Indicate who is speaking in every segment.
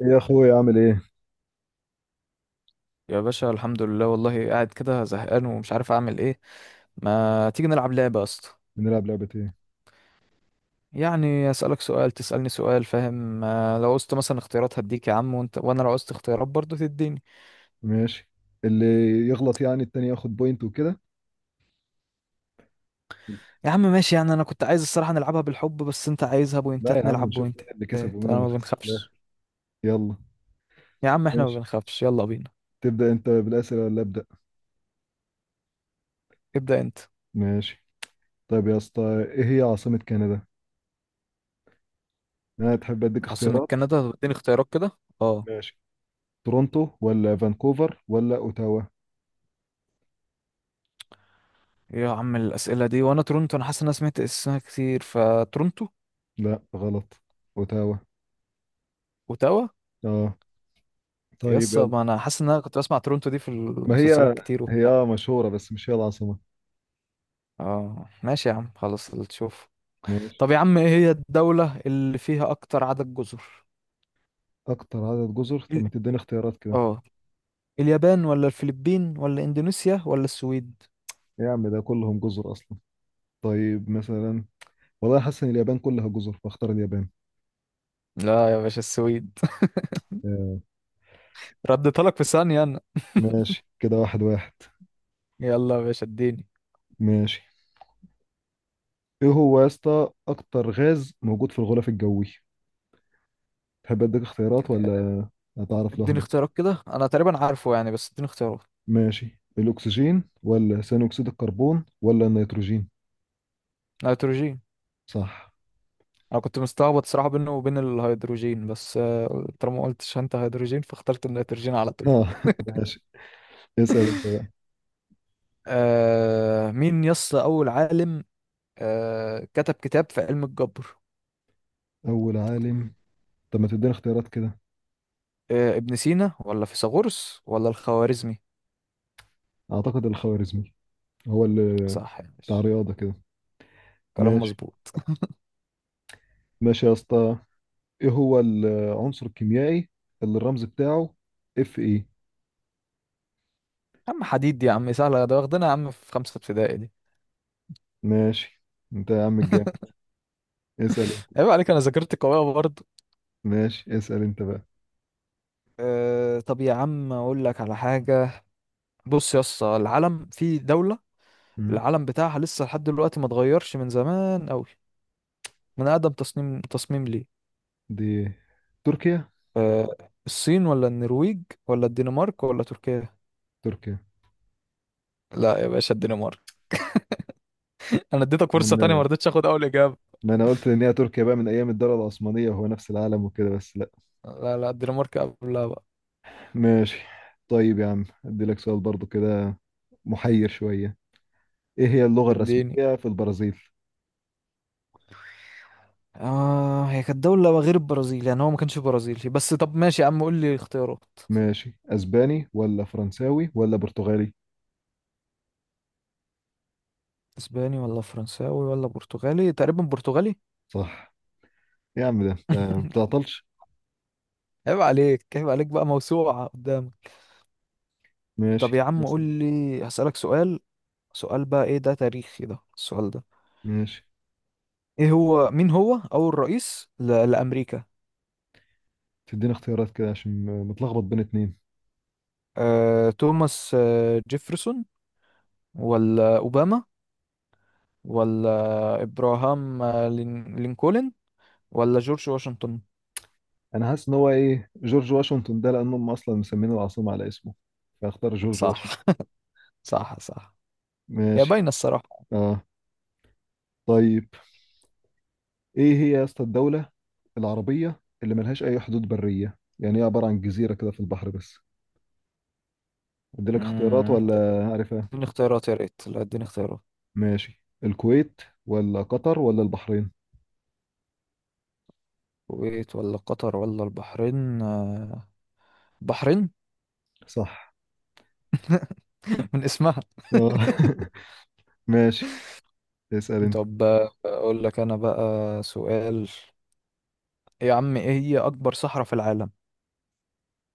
Speaker 1: يا اخوي اعمل ايه؟
Speaker 2: يا باشا، الحمد لله. والله قاعد كده زهقان ومش عارف اعمل ايه. ما تيجي نلعب لعبة يا اسطى؟
Speaker 1: بنلعب لعبة ايه؟
Speaker 2: يعني اسالك سؤال تسالني سؤال، فاهم؟ لو قست مثلا اختيارات هديك يا عم، وانت وانا لو قست اختيارات برضه تديني.
Speaker 1: ماشي، اللي يغلط يعني التاني ياخد بوينت وكده.
Speaker 2: يا عم ماشي، يعني انا كنت عايز الصراحة نلعبها بالحب، بس انت عايزها
Speaker 1: لا
Speaker 2: بوينتات
Speaker 1: يا عم،
Speaker 2: نلعب
Speaker 1: نشوف مين
Speaker 2: بوينتات.
Speaker 1: اللي كسب ومين
Speaker 2: انا
Speaker 1: اللي
Speaker 2: ما
Speaker 1: خسر في الاخر.
Speaker 2: بنخافش.
Speaker 1: يلا.
Speaker 2: يا عم احنا ما
Speaker 1: ماشي،
Speaker 2: بنخافش، يلا بينا.
Speaker 1: تبدأ انت بالأسئلة ولا أبدأ؟
Speaker 2: ابدأ انت.
Speaker 1: ماشي. طيب يا اسطى، ايه هي عاصمة كندا؟ انا تحب اديك
Speaker 2: عاصمة
Speaker 1: اختيارات؟
Speaker 2: كندا اديني اختيارات كده. اه.
Speaker 1: ماشي، تورونتو ولا فانكوفر ولا اوتاوا؟
Speaker 2: يا عم الاسئلة دي، وانا تورنتو، انا حاسس ان انا سمعت اسمها كتير فتورنتو.
Speaker 1: لا غلط، اوتاوا.
Speaker 2: اوتاوا؟
Speaker 1: اه، طيب
Speaker 2: يس،
Speaker 1: يلا.
Speaker 2: ما انا حاسس ان انا كنت بسمع تورونتو دي في
Speaker 1: ما
Speaker 2: المسلسلات
Speaker 1: هي
Speaker 2: كتير
Speaker 1: هي
Speaker 2: وبتاع.
Speaker 1: آه مشهورة بس مش هي العاصمة.
Speaker 2: اه، ماشي يا عم، خلاص اللي تشوف.
Speaker 1: ماشي.
Speaker 2: طب يا عم، ايه هي الدولة اللي فيها اكتر عدد جزر؟
Speaker 1: اكتر عدد جزر؟ طب
Speaker 2: ال-
Speaker 1: ما تديني اختيارات كده.
Speaker 2: اه، اليابان ولا الفلبين ولا اندونيسيا ولا السويد؟
Speaker 1: إيه يا عم، ده كلهم جزر اصلا. طيب مثلا، والله حاسس ان اليابان كلها جزر فاختار اليابان.
Speaker 2: لا يا باشا، السويد.
Speaker 1: آه،
Speaker 2: رديتها لك في ثانية انا.
Speaker 1: ماشي كده، واحد واحد.
Speaker 2: يلا يا باشا اديني.
Speaker 1: ماشي. ايه هو يا اسطى اكتر غاز موجود في الغلاف الجوي؟ تحب اديك اختيارات ولا هتعرف
Speaker 2: اديني
Speaker 1: لوحدك؟
Speaker 2: اختيارات كده، انا تقريبا عارفه يعني، بس اديني اختيارات.
Speaker 1: ماشي، الاكسجين ولا ثاني اكسيد الكربون ولا النيتروجين؟
Speaker 2: نيتروجين.
Speaker 1: صح.
Speaker 2: انا كنت مستعبط صراحة بينه وبين الهيدروجين، بس طالما ما قلتش انت هيدروجين فاخترت النيتروجين على طول.
Speaker 1: اه ماشي، اسال انت.
Speaker 2: مين يس أول عالم كتب كتاب في علم الجبر؟
Speaker 1: اول عالم. طب ما تديني اختيارات كده.
Speaker 2: ابن سينا ولا فيثاغورس ولا الخوارزمي؟
Speaker 1: اعتقد الخوارزمي، هو اللي
Speaker 2: صح يا
Speaker 1: بتاع
Speaker 2: باشا،
Speaker 1: رياضه كده.
Speaker 2: كلام
Speaker 1: ماشي.
Speaker 2: مظبوط.
Speaker 1: ماشي يا اسطى، ايه هو العنصر الكيميائي اللي الرمز بتاعه اف اي؟
Speaker 2: يا عم حديد، دي يا عم سهلة، ده واخدنا يا عم في خمسة ابتدائي دي.
Speaker 1: ماشي، انت يا عم الجامد، اسأل انت.
Speaker 2: عيب عليك، أنا ذاكرتي قوية برضه.
Speaker 1: ماشي، اسأل انت بقى.
Speaker 2: طب يا عم أقول لك على حاجة. بص يا اسطى، العلم في دولة،
Speaker 1: مم.
Speaker 2: العلم بتاعها لسه لحد دلوقتي ما اتغيرش، من زمان أوي، من أقدم تصميم ليه.
Speaker 1: دي تركيا.
Speaker 2: آه الصين ولا النرويج ولا الدنمارك ولا تركيا؟
Speaker 1: تركيا؟
Speaker 2: لا يا باشا، الدنمارك. انا اديتك فرصة تانية، ما
Speaker 1: يعني
Speaker 2: رضيتش اخد اول اجابة.
Speaker 1: ما انا قلت ان هي تركيا بقى من ايام الدولة العثمانية وهو نفس العالم وكده، بس لا.
Speaker 2: لا، لا، الدنمارك قبلها بقى.
Speaker 1: ماشي. طيب يا عم، ادي لك سؤال برضو كده محير شوية. ايه هي اللغة
Speaker 2: اديني.
Speaker 1: الرسمية في البرازيل؟
Speaker 2: اه، هي كانت دولة غير البرازيل يعني، هو ما كانش برازيلي، بس طب ماشي يا عم قول لي اختيارات.
Speaker 1: ماشي، اسباني ولا فرنساوي ولا برتغالي؟
Speaker 2: اسباني ولا فرنساوي ولا برتغالي؟ تقريبا برتغالي.
Speaker 1: صح. يا عم ده انت ما بتعطلش.
Speaker 2: عيب عليك، عيب عليك بقى، موسوعة قدامك.
Speaker 1: ماشي،
Speaker 2: طب يا عم قول
Speaker 1: اسأل.
Speaker 2: لي هسألك سؤال. سؤال بقى، ايه ده تاريخي ده السؤال ده؟
Speaker 1: ماشي،
Speaker 2: ايه هو، مين هو اول رئيس لأمريكا؟
Speaker 1: تديني اختيارات كده عشان متلخبط بين اتنين.
Speaker 2: توماس جيفرسون، ولا أوباما، ولا ابراهام لينكولن، ولا جورج واشنطن؟
Speaker 1: انا حاسس ان هو ايه، جورج واشنطن ده لان هم اصلا مسمين العاصمه على اسمه، فاختار جورج واشنطن.
Speaker 2: صح. صح، صح. هي
Speaker 1: ماشي.
Speaker 2: باينة الصراحة.
Speaker 1: اه طيب، ايه هي يا اسطى الدوله العربيه اللي ملهاش اي حدود بريه، يعني هي عباره عن جزيره كده في البحر بس؟ ادي لك اختيارات ولا
Speaker 2: طب
Speaker 1: عارفها؟
Speaker 2: اديني اختيارات يا ريت، لا اديني اختيارات.
Speaker 1: ماشي، الكويت ولا قطر ولا البحرين؟
Speaker 2: الكويت ولا قطر ولا البحرين؟ البحرين.
Speaker 1: صح.
Speaker 2: من اسمها.
Speaker 1: اه ماشي، اسال انت.
Speaker 2: طب، اقول لك انا بقى سؤال. يا عم، ايه هي اكبر صحراء في العالم؟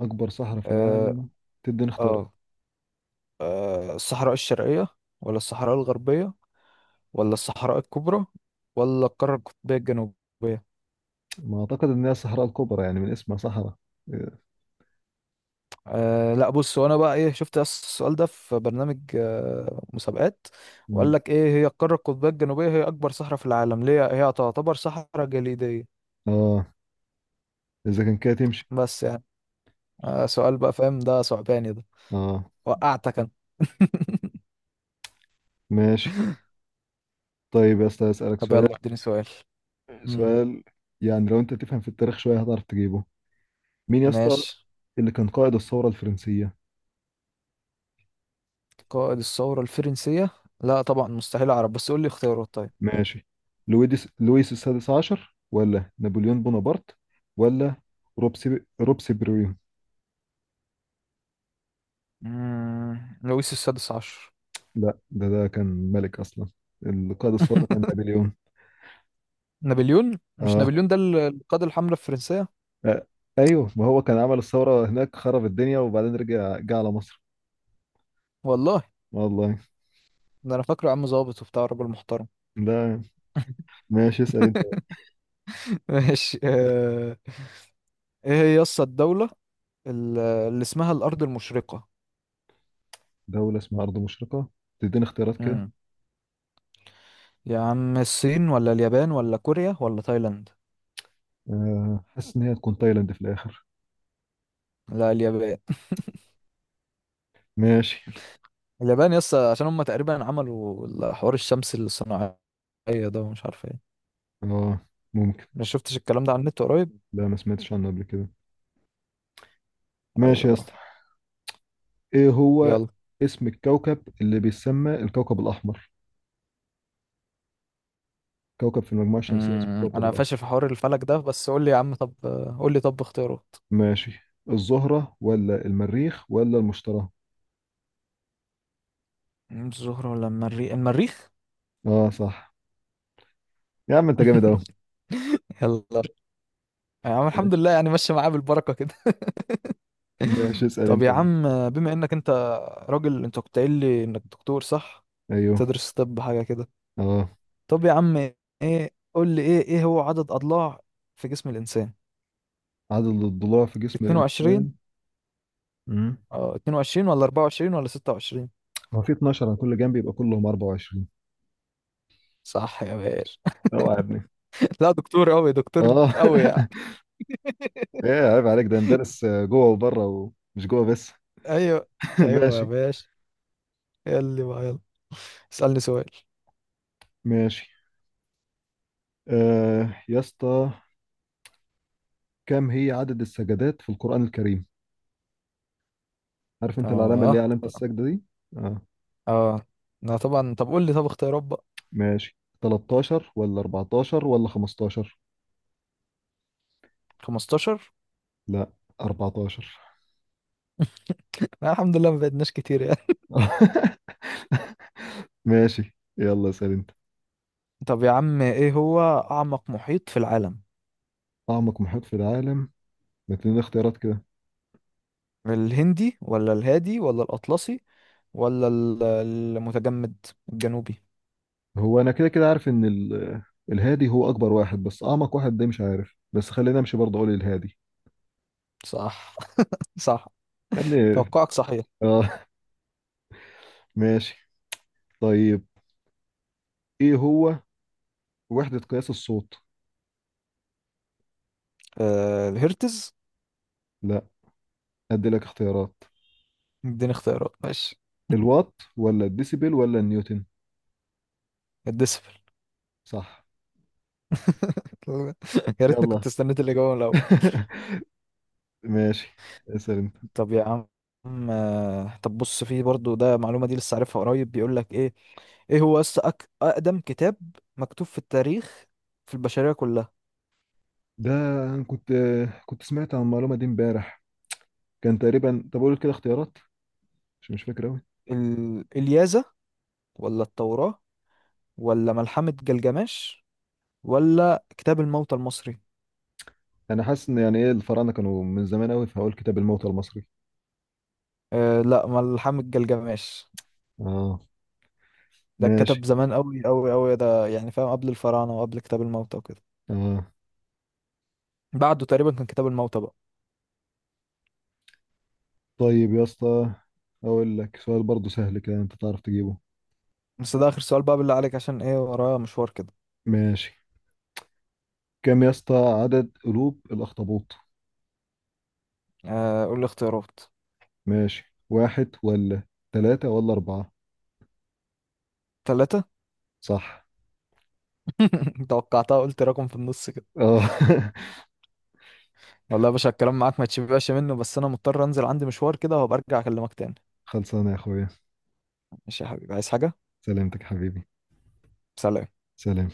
Speaker 1: اكبر صحراء في
Speaker 2: اه
Speaker 1: العالم؟ تديني اختيارات؟
Speaker 2: اه الصحراء الشرقية، ولا الصحراء الغربية، ولا الصحراء الكبرى، ولا القارة القطبية الجنوبية؟
Speaker 1: ما اعتقد ان هي الصحراء الكبرى، يعني من اسمها صحراء.
Speaker 2: لا، بص وانا بقى ايه، شفت السؤال ده في برنامج مسابقات، وقال
Speaker 1: مم.
Speaker 2: لك ايه، هي القارة القطبية الجنوبية هي اكبر صحراء في العالم، ليه هي تعتبر صحراء جليدية.
Speaker 1: اه، اذا كان كده تمشي.
Speaker 2: بس يعني، سؤال بقى فاهم، ده صعباني ده.
Speaker 1: اه
Speaker 2: وقعتك انا.
Speaker 1: ماشي. طيب يا اسطى، اسالك
Speaker 2: طب
Speaker 1: سؤال.
Speaker 2: يلا اديني سؤال. مم.
Speaker 1: سؤال يعني لو انت تفهم في التاريخ شويه هتعرف تجيبه. مين يا اسطى
Speaker 2: ماشي.
Speaker 1: اللي كان قائد الثوره الفرنسيه؟
Speaker 2: قائد الثورة الفرنسية؟ لا طبعا، مستحيل اعرف، بس قول لي اختيارات طيب.
Speaker 1: ماشي، لويس السادس عشر ولا نابليون بونابرت ولا روبسي بريو؟
Speaker 2: لويس السادس عشر.
Speaker 1: لا، ده كان ملك اصلا. القائد الثوره كان نابليون.
Speaker 2: نابليون، مش
Speaker 1: اه،
Speaker 2: نابليون ده القائد الحملة الفرنسية.
Speaker 1: آه، ايوه، ما هو كان عمل الثوره هناك، خرب الدنيا وبعدين رجع جه على مصر.
Speaker 2: والله.
Speaker 1: والله.
Speaker 2: ده انا فاكره عم ظابط وبتاع، راجل محترم.
Speaker 1: ده ماشي، اسال.
Speaker 2: ماشي. ايه هي يسطا الدولة اللي اسمها الأرض المشرقة؟
Speaker 1: دولة اسمها أرض مشرقة؟ تديني اختيارات كده.
Speaker 2: امم يا عم الصين ولا اليابان ولا كوريا ولا تايلاند؟
Speaker 1: حاسس إن هي تكون تايلاند في الآخر.
Speaker 2: لا، اليابان.
Speaker 1: ماشي.
Speaker 2: اليابان يسطا، عشان هم تقريبا عملوا حوار الشمس الصناعية ده، ومش عارف ايه.
Speaker 1: اه ممكن.
Speaker 2: ما شفتش الكلام ده على النت قريب.
Speaker 1: لا ما سمعتش عنه قبل كده. ماشي يا
Speaker 2: ايوه.
Speaker 1: اسطى. إيه هو
Speaker 2: يلا.
Speaker 1: اسم الكوكب اللي بيسمى الكوكب الأحمر؟ كوكب في المجموعة الشمسية اسمه الكوكب
Speaker 2: انا فاشل
Speaker 1: الأحمر.
Speaker 2: في حوار الفلك ده، بس قول لي يا عم طب، قول لي طب اختيارات.
Speaker 1: ماشي، الزهرة ولا المريخ ولا المشتري؟
Speaker 2: الزهرة ولا المريخ؟ المريخ.
Speaker 1: اه صح. يا عم انت جامد أوي.
Speaker 2: يلا يا عم، الحمد
Speaker 1: ماشي.
Speaker 2: لله يعني، ماشية معاه بالبركة كده.
Speaker 1: ماشي، اسأل
Speaker 2: طب
Speaker 1: انت
Speaker 2: يا
Speaker 1: بقى.
Speaker 2: عم، بما انك انت راجل، انت كنت قايل لي انك دكتور صح؟
Speaker 1: ايوه.
Speaker 2: تدرس طب حاجة كده؟
Speaker 1: اه،
Speaker 2: طب يا عم، ايه قول لي، ايه هو عدد اضلاع في جسم الانسان؟
Speaker 1: عدد الضلوع في جسم
Speaker 2: 22.
Speaker 1: الإنسان. مم.
Speaker 2: اه، 22 ولا 24 ولا 26؟
Speaker 1: هو في 12 على كل جنب، يبقى كلهم 24.
Speaker 2: صح يا باشا.
Speaker 1: اوعى يا ابني.
Speaker 2: لا دكتور قوي، دكتور
Speaker 1: اه
Speaker 2: قوي يعني.
Speaker 1: ايه عيب عليك، ده ندرس جوه وبره ومش جوه بس.
Speaker 2: ايوه، ايوه يا
Speaker 1: ماشي.
Speaker 2: باشا. يلا بقى، يلا اسألني سؤال.
Speaker 1: ماشي. آه يا اسطى، كم هي عدد السجدات في القرآن الكريم؟ عارف انت العلامة اللي
Speaker 2: اه،
Speaker 1: هي علامة السجدة دي؟ اه.
Speaker 2: اه. لا طبعا، طب قول لي طب اختيارات بقى.
Speaker 1: ماشي، 13 ولا 14 ولا 15؟
Speaker 2: 15.
Speaker 1: لا، 14.
Speaker 2: لا الحمد لله، ما بعدناش كتير يعني.
Speaker 1: ماشي، يلا اسأل انت.
Speaker 2: طب يا عم، ايه هو اعمق محيط في العالم؟
Speaker 1: أعمق محيط في العالم؟ ما تديني اختيارات كده.
Speaker 2: الهندي ولا الهادي ولا الاطلسي ولا المتجمد الجنوبي؟
Speaker 1: هو أنا كده كده عارف إن ال- الهادي هو أكبر واحد، بس أعمق واحد ده مش عارف، بس خلينا أمشي برضه، أقول الهادي.
Speaker 2: صح. صح،
Speaker 1: يا ابني.
Speaker 2: توقعك صحيح.
Speaker 1: آه. ماشي. طيب، ايه هو وحدة قياس الصوت؟
Speaker 2: الهرتز.
Speaker 1: لا، ادي لك اختيارات.
Speaker 2: اديني اختيارات ماشي.
Speaker 1: الوات ولا الديسيبل ولا النيوتن؟
Speaker 2: الديسبل.
Speaker 1: صح.
Speaker 2: يا ريتني كنت
Speaker 1: يلا.
Speaker 2: استنيت الاجابه من الاول.
Speaker 1: ماشي، اسأل انت.
Speaker 2: طب يا عم، طب بص، في برضو ده معلومه دي لسه عارفها قريب، بيقول لك ايه؟ ايه هو، اقدم كتاب مكتوب في التاريخ، في البشريه كلها؟
Speaker 1: ده أنا كنت سمعت عن المعلومة دي امبارح، كان تقريبا، طب اقول كده اختيارات، مش فاكر قوي.
Speaker 2: اليازا، ولا التوراه، ولا ملحمة جلجمش، ولا كتاب الموتى المصري؟
Speaker 1: انا حاسس ان يعني ايه، الفراعنة كانوا من زمان قوي، فهقول كتاب الموتى المصري.
Speaker 2: لا، ملحمة جلجمش.
Speaker 1: اه
Speaker 2: ده
Speaker 1: ماشي.
Speaker 2: اتكتب زمان قوي قوي قوي، ده يعني فاهم، قبل الفراعنة وقبل كتاب الموتى وكده.
Speaker 1: اه
Speaker 2: بعده تقريبا كان كتاب الموتى بقى.
Speaker 1: طيب يا اسطى، اقول لك سؤال برضه سهل كده انت تعرف تجيبه.
Speaker 2: بس ده آخر سؤال بقى بالله عليك، عشان ايه ورايا مشوار كده.
Speaker 1: ماشي، كم يا اسطى عدد قلوب الاخطبوط؟
Speaker 2: قول لي اختيارات.
Speaker 1: ماشي، واحد ولا ثلاثة ولا أربعة؟
Speaker 2: ثلاثة.
Speaker 1: صح.
Speaker 2: توقعتها، قلت رقم في النص كده.
Speaker 1: اه
Speaker 2: والله يا باشا الكلام معاك ما تشبعش منه، بس انا مضطر انزل عندي مشوار كده، وهبقى ارجع اكلمك تاني.
Speaker 1: خلصانة يا أخويا.
Speaker 2: ماشي يا حبيبي، عايز حاجة؟
Speaker 1: سلامتك حبيبي.
Speaker 2: سلام.
Speaker 1: سلام.